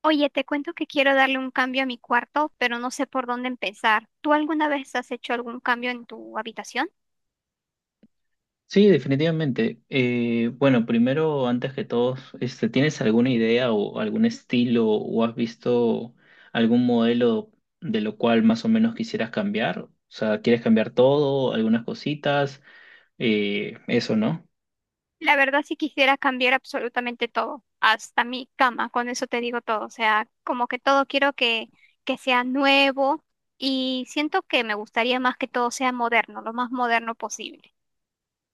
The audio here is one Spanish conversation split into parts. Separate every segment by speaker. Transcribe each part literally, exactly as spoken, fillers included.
Speaker 1: Oye, te cuento que quiero darle un cambio a mi cuarto, pero no sé por dónde empezar. ¿Tú alguna vez has hecho algún cambio en tu habitación?
Speaker 2: Sí, definitivamente. Eh, bueno, Primero, antes que todo, este, ¿tienes alguna idea o algún estilo o has visto algún modelo de lo cual más o menos quisieras cambiar? O sea, ¿quieres cambiar todo, algunas cositas? Eh, eso, ¿no?
Speaker 1: La verdad, sí quisiera cambiar absolutamente todo, hasta mi cama, con eso te digo todo. O sea, como que todo quiero que, que sea nuevo y siento que me gustaría más que todo sea moderno, lo más moderno posible.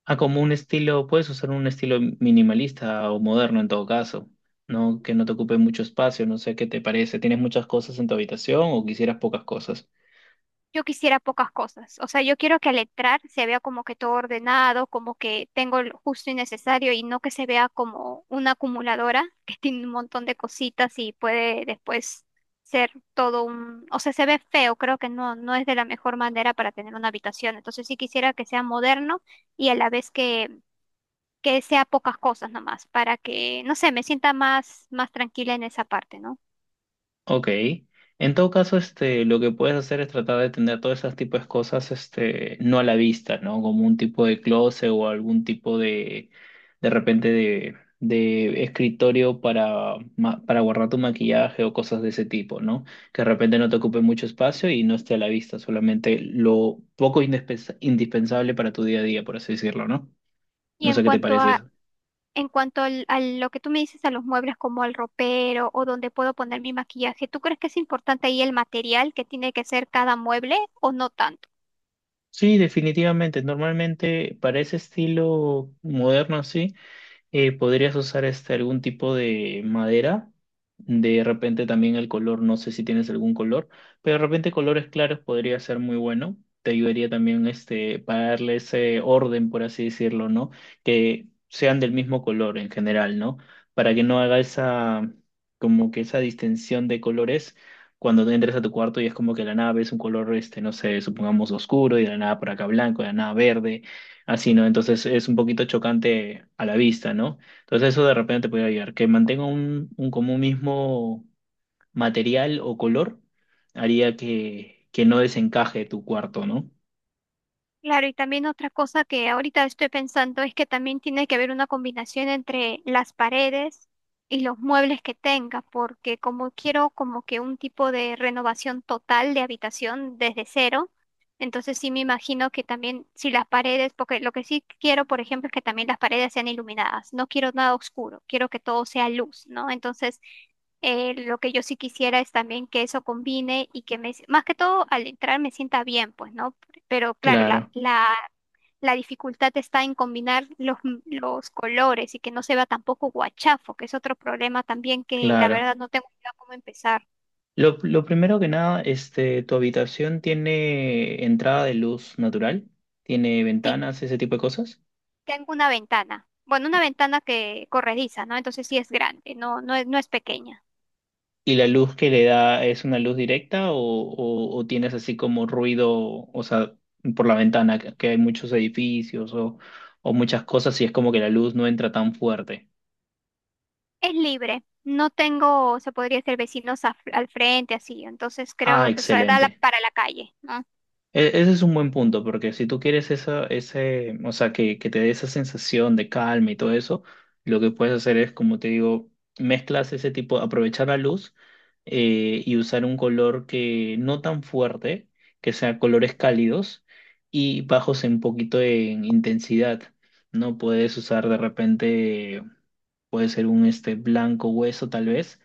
Speaker 2: Ah, como un estilo, puedes usar un estilo minimalista o moderno en todo caso, ¿no? Que no te ocupe mucho espacio, no sé qué te parece. ¿Tienes muchas cosas en tu habitación o quisieras pocas cosas?
Speaker 1: Yo quisiera pocas cosas. O sea, yo quiero que al entrar se vea como que todo ordenado, como que tengo lo justo y necesario y no que se vea como una acumuladora que tiene un montón de cositas y puede después ser todo un... O sea, se ve feo, creo que no, no es de la mejor manera para tener una habitación. Entonces sí quisiera que sea moderno y a la vez que, que sea pocas cosas nomás, para que, no sé, me sienta más, más tranquila en esa parte, ¿no?
Speaker 2: Ok. En todo caso, este, lo que puedes hacer es tratar de tener todos esos tipos de cosas, este, no a la vista, ¿no? Como un tipo de closet o algún tipo de, de repente de, de escritorio para, ma- para guardar tu maquillaje o cosas de ese tipo, ¿no? Que de repente no te ocupe mucho espacio y no esté a la vista, solamente lo poco indispensa- indispensable para tu día a día, por así decirlo, ¿no?
Speaker 1: Y
Speaker 2: No
Speaker 1: en
Speaker 2: sé qué te
Speaker 1: cuanto
Speaker 2: parece
Speaker 1: a
Speaker 2: eso.
Speaker 1: En cuanto al- a lo que tú me dices, a los muebles como al ropero o donde puedo poner mi maquillaje, ¿tú crees que es importante ahí el material que tiene que ser cada mueble o no tanto?
Speaker 2: Sí, definitivamente. Normalmente para ese estilo moderno, sí. Eh, podrías usar este algún tipo de madera. De repente también el color, no sé si tienes algún color, pero de repente colores claros podría ser muy bueno. Te ayudaría también este para darle ese orden, por así decirlo, ¿no? Que sean del mismo color en general, ¿no? Para que no haga esa como que esa distinción de colores cuando te entres a tu cuarto y es como que la nave es un color este, no sé, supongamos oscuro y de la nada por acá blanco, de la nada verde. Así, ¿no? Entonces es un poquito chocante a la vista, ¿no? Entonces eso de repente te puede ayudar. Que mantenga un, un como un mismo material o color haría que, que no desencaje tu cuarto, ¿no?
Speaker 1: Claro, y también otra cosa que ahorita estoy pensando es que también tiene que haber una combinación entre las paredes y los muebles que tenga, porque como quiero como que un tipo de renovación total de habitación desde cero, entonces sí me imagino que también si las paredes, porque lo que sí quiero, por ejemplo, es que también las paredes sean iluminadas, no quiero nada oscuro, quiero que todo sea luz, ¿no? Entonces eh, lo que yo sí quisiera es también que eso combine y que me, más que todo al entrar me sienta bien, pues, ¿no? Pero claro, la,
Speaker 2: Claro,
Speaker 1: la, la dificultad está en combinar los, los colores y que no se vea tampoco guachafo, que es otro problema también que la
Speaker 2: claro.
Speaker 1: verdad no tengo idea cómo empezar.
Speaker 2: Lo, lo primero que nada, este, ¿tu habitación tiene entrada de luz natural? ¿Tiene
Speaker 1: Sí,
Speaker 2: ventanas, ese tipo de cosas?
Speaker 1: tengo una ventana. Bueno, una ventana que corrediza, ¿no? Entonces sí es grande, no, no es, no es pequeña.
Speaker 2: ¿Y la luz que le da es una luz directa o, o- o tienes así como ruido, o sea, por la ventana, que que hay muchos edificios o, o muchas cosas y es como que la luz no entra tan fuerte?
Speaker 1: Es libre. No tengo, se podría decir, vecinos a- al frente, así. Entonces
Speaker 2: Ah,
Speaker 1: creo, o sea, da la-
Speaker 2: excelente.
Speaker 1: para la calle, ¿no?
Speaker 2: E- Ese es un buen punto, porque si tú quieres esa, ese, o sea, que, que te dé esa sensación de calma y todo eso, lo que puedes hacer es, como te digo, mezclas ese tipo, aprovechar la luz eh, y usar un color que no tan fuerte, que sea colores cálidos y bajos un poquito en intensidad. No puedes usar de repente, puede ser un este blanco hueso tal vez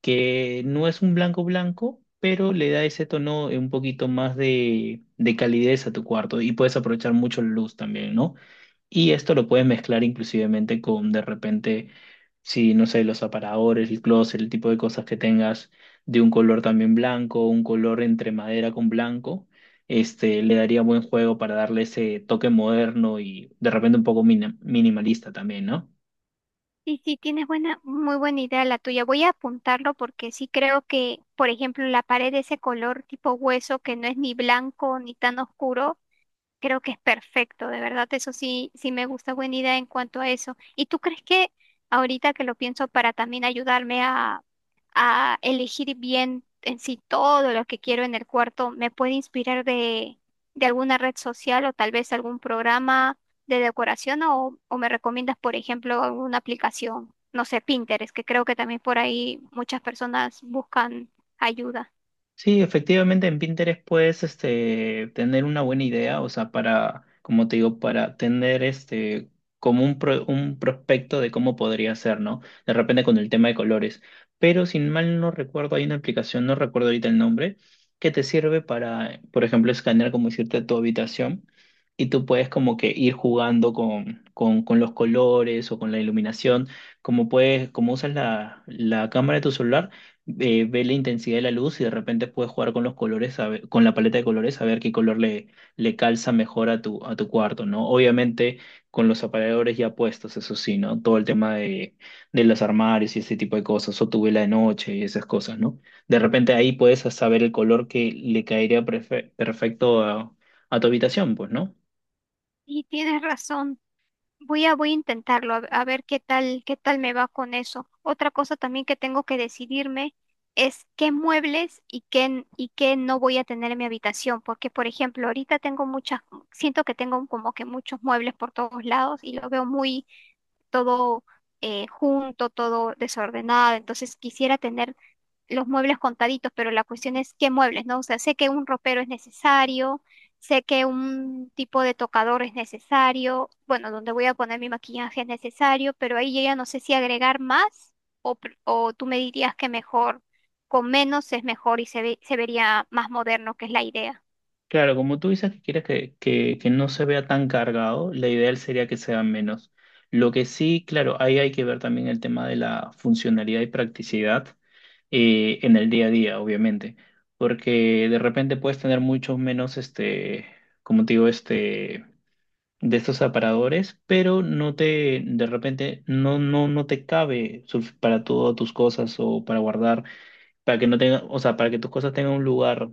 Speaker 2: que no es un blanco blanco, pero le da ese tono eh, un poquito más de, de calidez a tu cuarto y puedes aprovechar mucho la luz también, ¿no? Y esto lo puedes mezclar inclusivemente con de repente, si no sé, los aparadores, el closet, el tipo de cosas que tengas de un color también blanco, un color entre madera con blanco. Este, le daría buen juego para darle ese toque moderno y de repente un poco mina- minimalista también, ¿no?
Speaker 1: Sí, sí, tienes buena, muy buena idea la tuya. Voy a apuntarlo porque sí creo que, por ejemplo, la pared de ese color tipo hueso que no es ni blanco ni tan oscuro. Creo que es perfecto, de verdad, eso sí, sí me gusta, buena idea en cuanto a eso. ¿Y tú crees que ahorita que lo pienso para también ayudarme a, a elegir bien en sí todo lo que quiero en el cuarto, me puede inspirar de, de alguna red social o tal vez algún programa de decoración o, o me recomiendas, por ejemplo, alguna aplicación, no sé, Pinterest, que creo que también por ahí muchas personas buscan ayuda?
Speaker 2: Sí, efectivamente en Pinterest puedes este, tener una buena idea, o sea, para, como te digo, para tener este, como un, pro- un prospecto de cómo podría ser, ¿no? De repente con el tema de colores. Pero sin mal no recuerdo, hay una aplicación, no recuerdo ahorita el nombre, que te sirve para, por ejemplo, escanear, como decirte, tu habitación y tú puedes como que ir jugando con, con, con los colores o con la iluminación, como puedes, como usas la, la cámara de tu celular eh, ve la intensidad de la luz y de repente puedes jugar con los colores, a ver- con la paleta de colores, a ver qué color le, le calza mejor a tu, a tu cuarto, ¿no? Obviamente con los aparadores ya puestos, eso sí, ¿no? Todo el tema de, de los armarios y ese tipo de cosas, o tu vela de noche y esas cosas, ¿no? De repente ahí puedes saber el color que le caería prefe- perfecto a, a tu habitación, pues, ¿no?
Speaker 1: Y tienes razón. Voy a, voy a intentarlo, a, a ver qué tal, qué tal me va con eso. Otra cosa también que tengo que decidirme es qué muebles y qué, y qué no voy a tener en mi habitación, porque por ejemplo, ahorita tengo muchas, siento que tengo como que muchos muebles por todos lados y lo veo muy todo eh, junto, todo desordenado, entonces quisiera tener los muebles contaditos, pero la cuestión es qué muebles, ¿no? O sea, sé que un ropero es necesario, sé que un tipo de tocador es necesario, bueno, donde voy a poner mi maquillaje es necesario, pero ahí yo ya no sé si agregar más o, pr- o tú me dirías que mejor, con menos es mejor y se ve- se vería más moderno, que es la idea.
Speaker 2: Claro, como tú dices que quieres que, que, que no se vea tan cargado, la ideal sería que sea menos. Lo que sí, claro, ahí hay que ver también el tema de la funcionalidad y practicidad eh, en el día a día, obviamente, porque de repente puedes tener muchos menos, este, como te digo, este, de estos aparadores, pero no te, de repente, no, no, no te cabe su- para todas tus cosas o para guardar para que no tenga, o sea, para que tus cosas tengan un lugar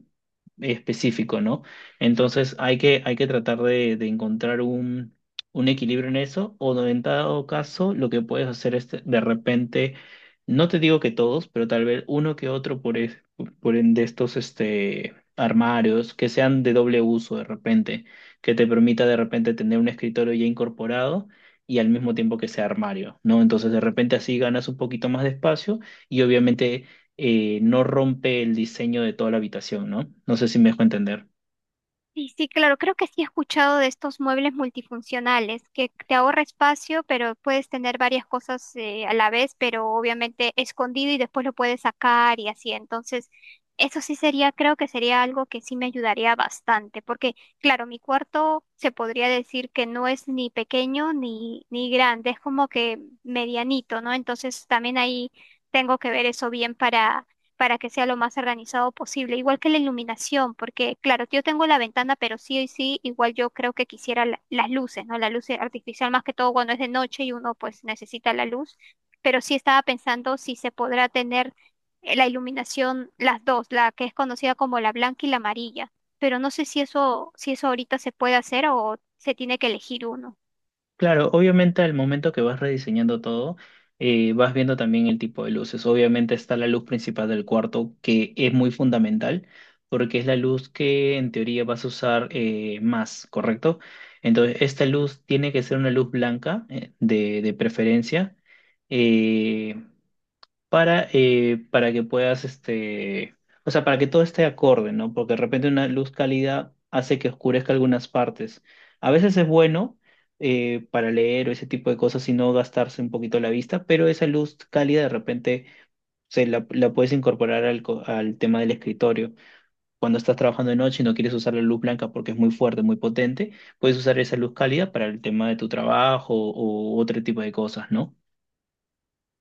Speaker 2: específico, ¿no? Entonces hay que, hay que tratar de, de encontrar un, un equilibrio en eso, o no, en dado caso, lo que puedes hacer es de repente, no te digo que todos, pero tal vez uno que otro por, es- por en- de estos este, armarios que sean de doble uso de repente, que te permita de repente tener un escritorio ya incorporado. Y al mismo tiempo que sea armario, ¿no? Entonces de repente así ganas un poquito más de espacio y obviamente eh, no rompe el diseño de toda la habitación, ¿no? No sé si me dejo entender.
Speaker 1: Sí, sí, claro, creo que sí he escuchado de estos muebles multifuncionales, que te ahorra espacio, pero puedes tener varias cosas eh, a la vez, pero obviamente escondido y después lo puedes sacar y así. Entonces, eso sí sería, creo que sería algo que sí me ayudaría bastante, porque claro, mi cuarto se podría decir que no es ni pequeño ni, ni grande, es como que medianito, ¿no? Entonces, también ahí tengo que ver eso bien para que sea lo más organizado posible, igual que la iluminación, porque claro, yo tengo la ventana, pero sí y sí, igual yo creo que quisiera la- las luces, ¿no? La luz artificial más que todo cuando es de noche y uno pues necesita la luz, pero sí estaba pensando si se podrá tener eh, la iluminación, las dos, la que es conocida como la blanca y la amarilla, pero no sé si eso, si eso ahorita se puede hacer o se tiene que elegir uno.
Speaker 2: Claro, obviamente al momento que vas rediseñando todo, eh, vas viendo también el tipo de luces. Obviamente está la luz principal del cuarto, que es muy fundamental, porque es la luz que en teoría vas a usar eh, más, ¿correcto? Entonces, esta luz tiene que ser una luz blanca, eh, de, de preferencia. Eh, para, eh, para que puedas, este, o sea, para que todo esté acorde, ¿no? Porque de repente una luz cálida hace que oscurezca algunas partes. A veces es bueno eh, para leer o ese tipo de cosas y no gastarse un poquito la vista, pero esa luz cálida de repente se la, la puedes incorporar al, co- al tema del escritorio. Cuando estás trabajando de noche y no quieres usar la luz blanca porque es muy fuerte, muy potente, puedes usar esa luz cálida para el tema de tu trabajo o otro tipo de cosas, ¿no?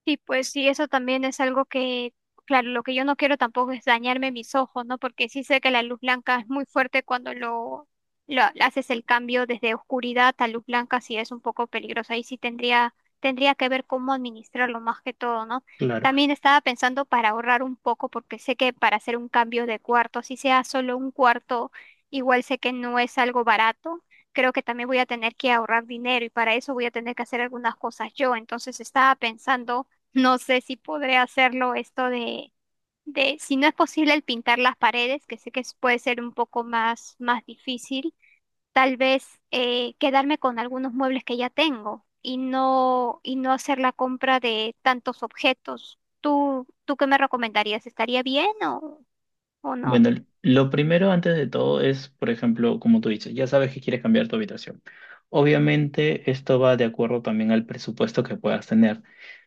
Speaker 1: Sí, pues sí, eso también es algo que, claro, lo que yo no quiero tampoco es dañarme mis ojos, ¿no? Porque sí sé que la luz blanca es muy fuerte cuando lo, lo haces el cambio desde oscuridad a luz blanca, sí es un poco peligroso. Ahí sí tendría, tendría que ver cómo administrarlo más que todo, ¿no?
Speaker 2: Claro.
Speaker 1: También estaba pensando para ahorrar un poco, porque sé que para hacer un cambio de cuarto, si sea solo un cuarto, igual sé que no es algo barato, creo que también voy a tener que ahorrar dinero y para eso voy a tener que hacer algunas cosas yo. Entonces estaba pensando no sé si podré hacerlo esto de, de, si no es posible el pintar las paredes, que sé que es- puede ser un poco más, más difícil, tal vez eh, quedarme con algunos muebles que ya tengo y no, y no hacer la compra de tantos objetos. ¿Tú, tú qué me recomendarías? ¿Estaría bien o, o no?
Speaker 2: Bueno, lo primero antes de todo es, por ejemplo, como tú dices, ya sabes que quieres cambiar tu habitación. Obviamente, esto va de acuerdo también al presupuesto que puedas tener.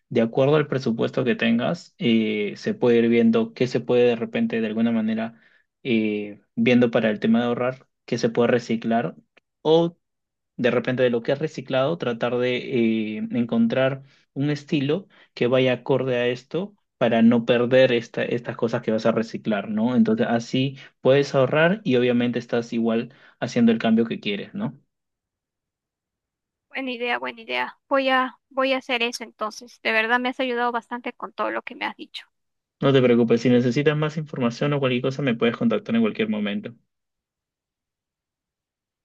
Speaker 2: De acuerdo al presupuesto que tengas, eh, se puede ir viendo qué se puede de repente, de alguna manera, eh, viendo para el tema de ahorrar, qué se puede reciclar o de repente de lo que has reciclado, tratar de eh, encontrar un estilo que vaya acorde a esto para no perder esta, estas cosas que vas a reciclar, ¿no? Entonces así puedes ahorrar y obviamente estás igual haciendo el cambio que quieres, ¿no?
Speaker 1: Buena idea, buena idea. Voy a, voy a hacer eso entonces. De verdad me has ayudado bastante con todo lo que me has dicho.
Speaker 2: No te preocupes, si necesitas más información o cualquier cosa me puedes contactar en cualquier momento.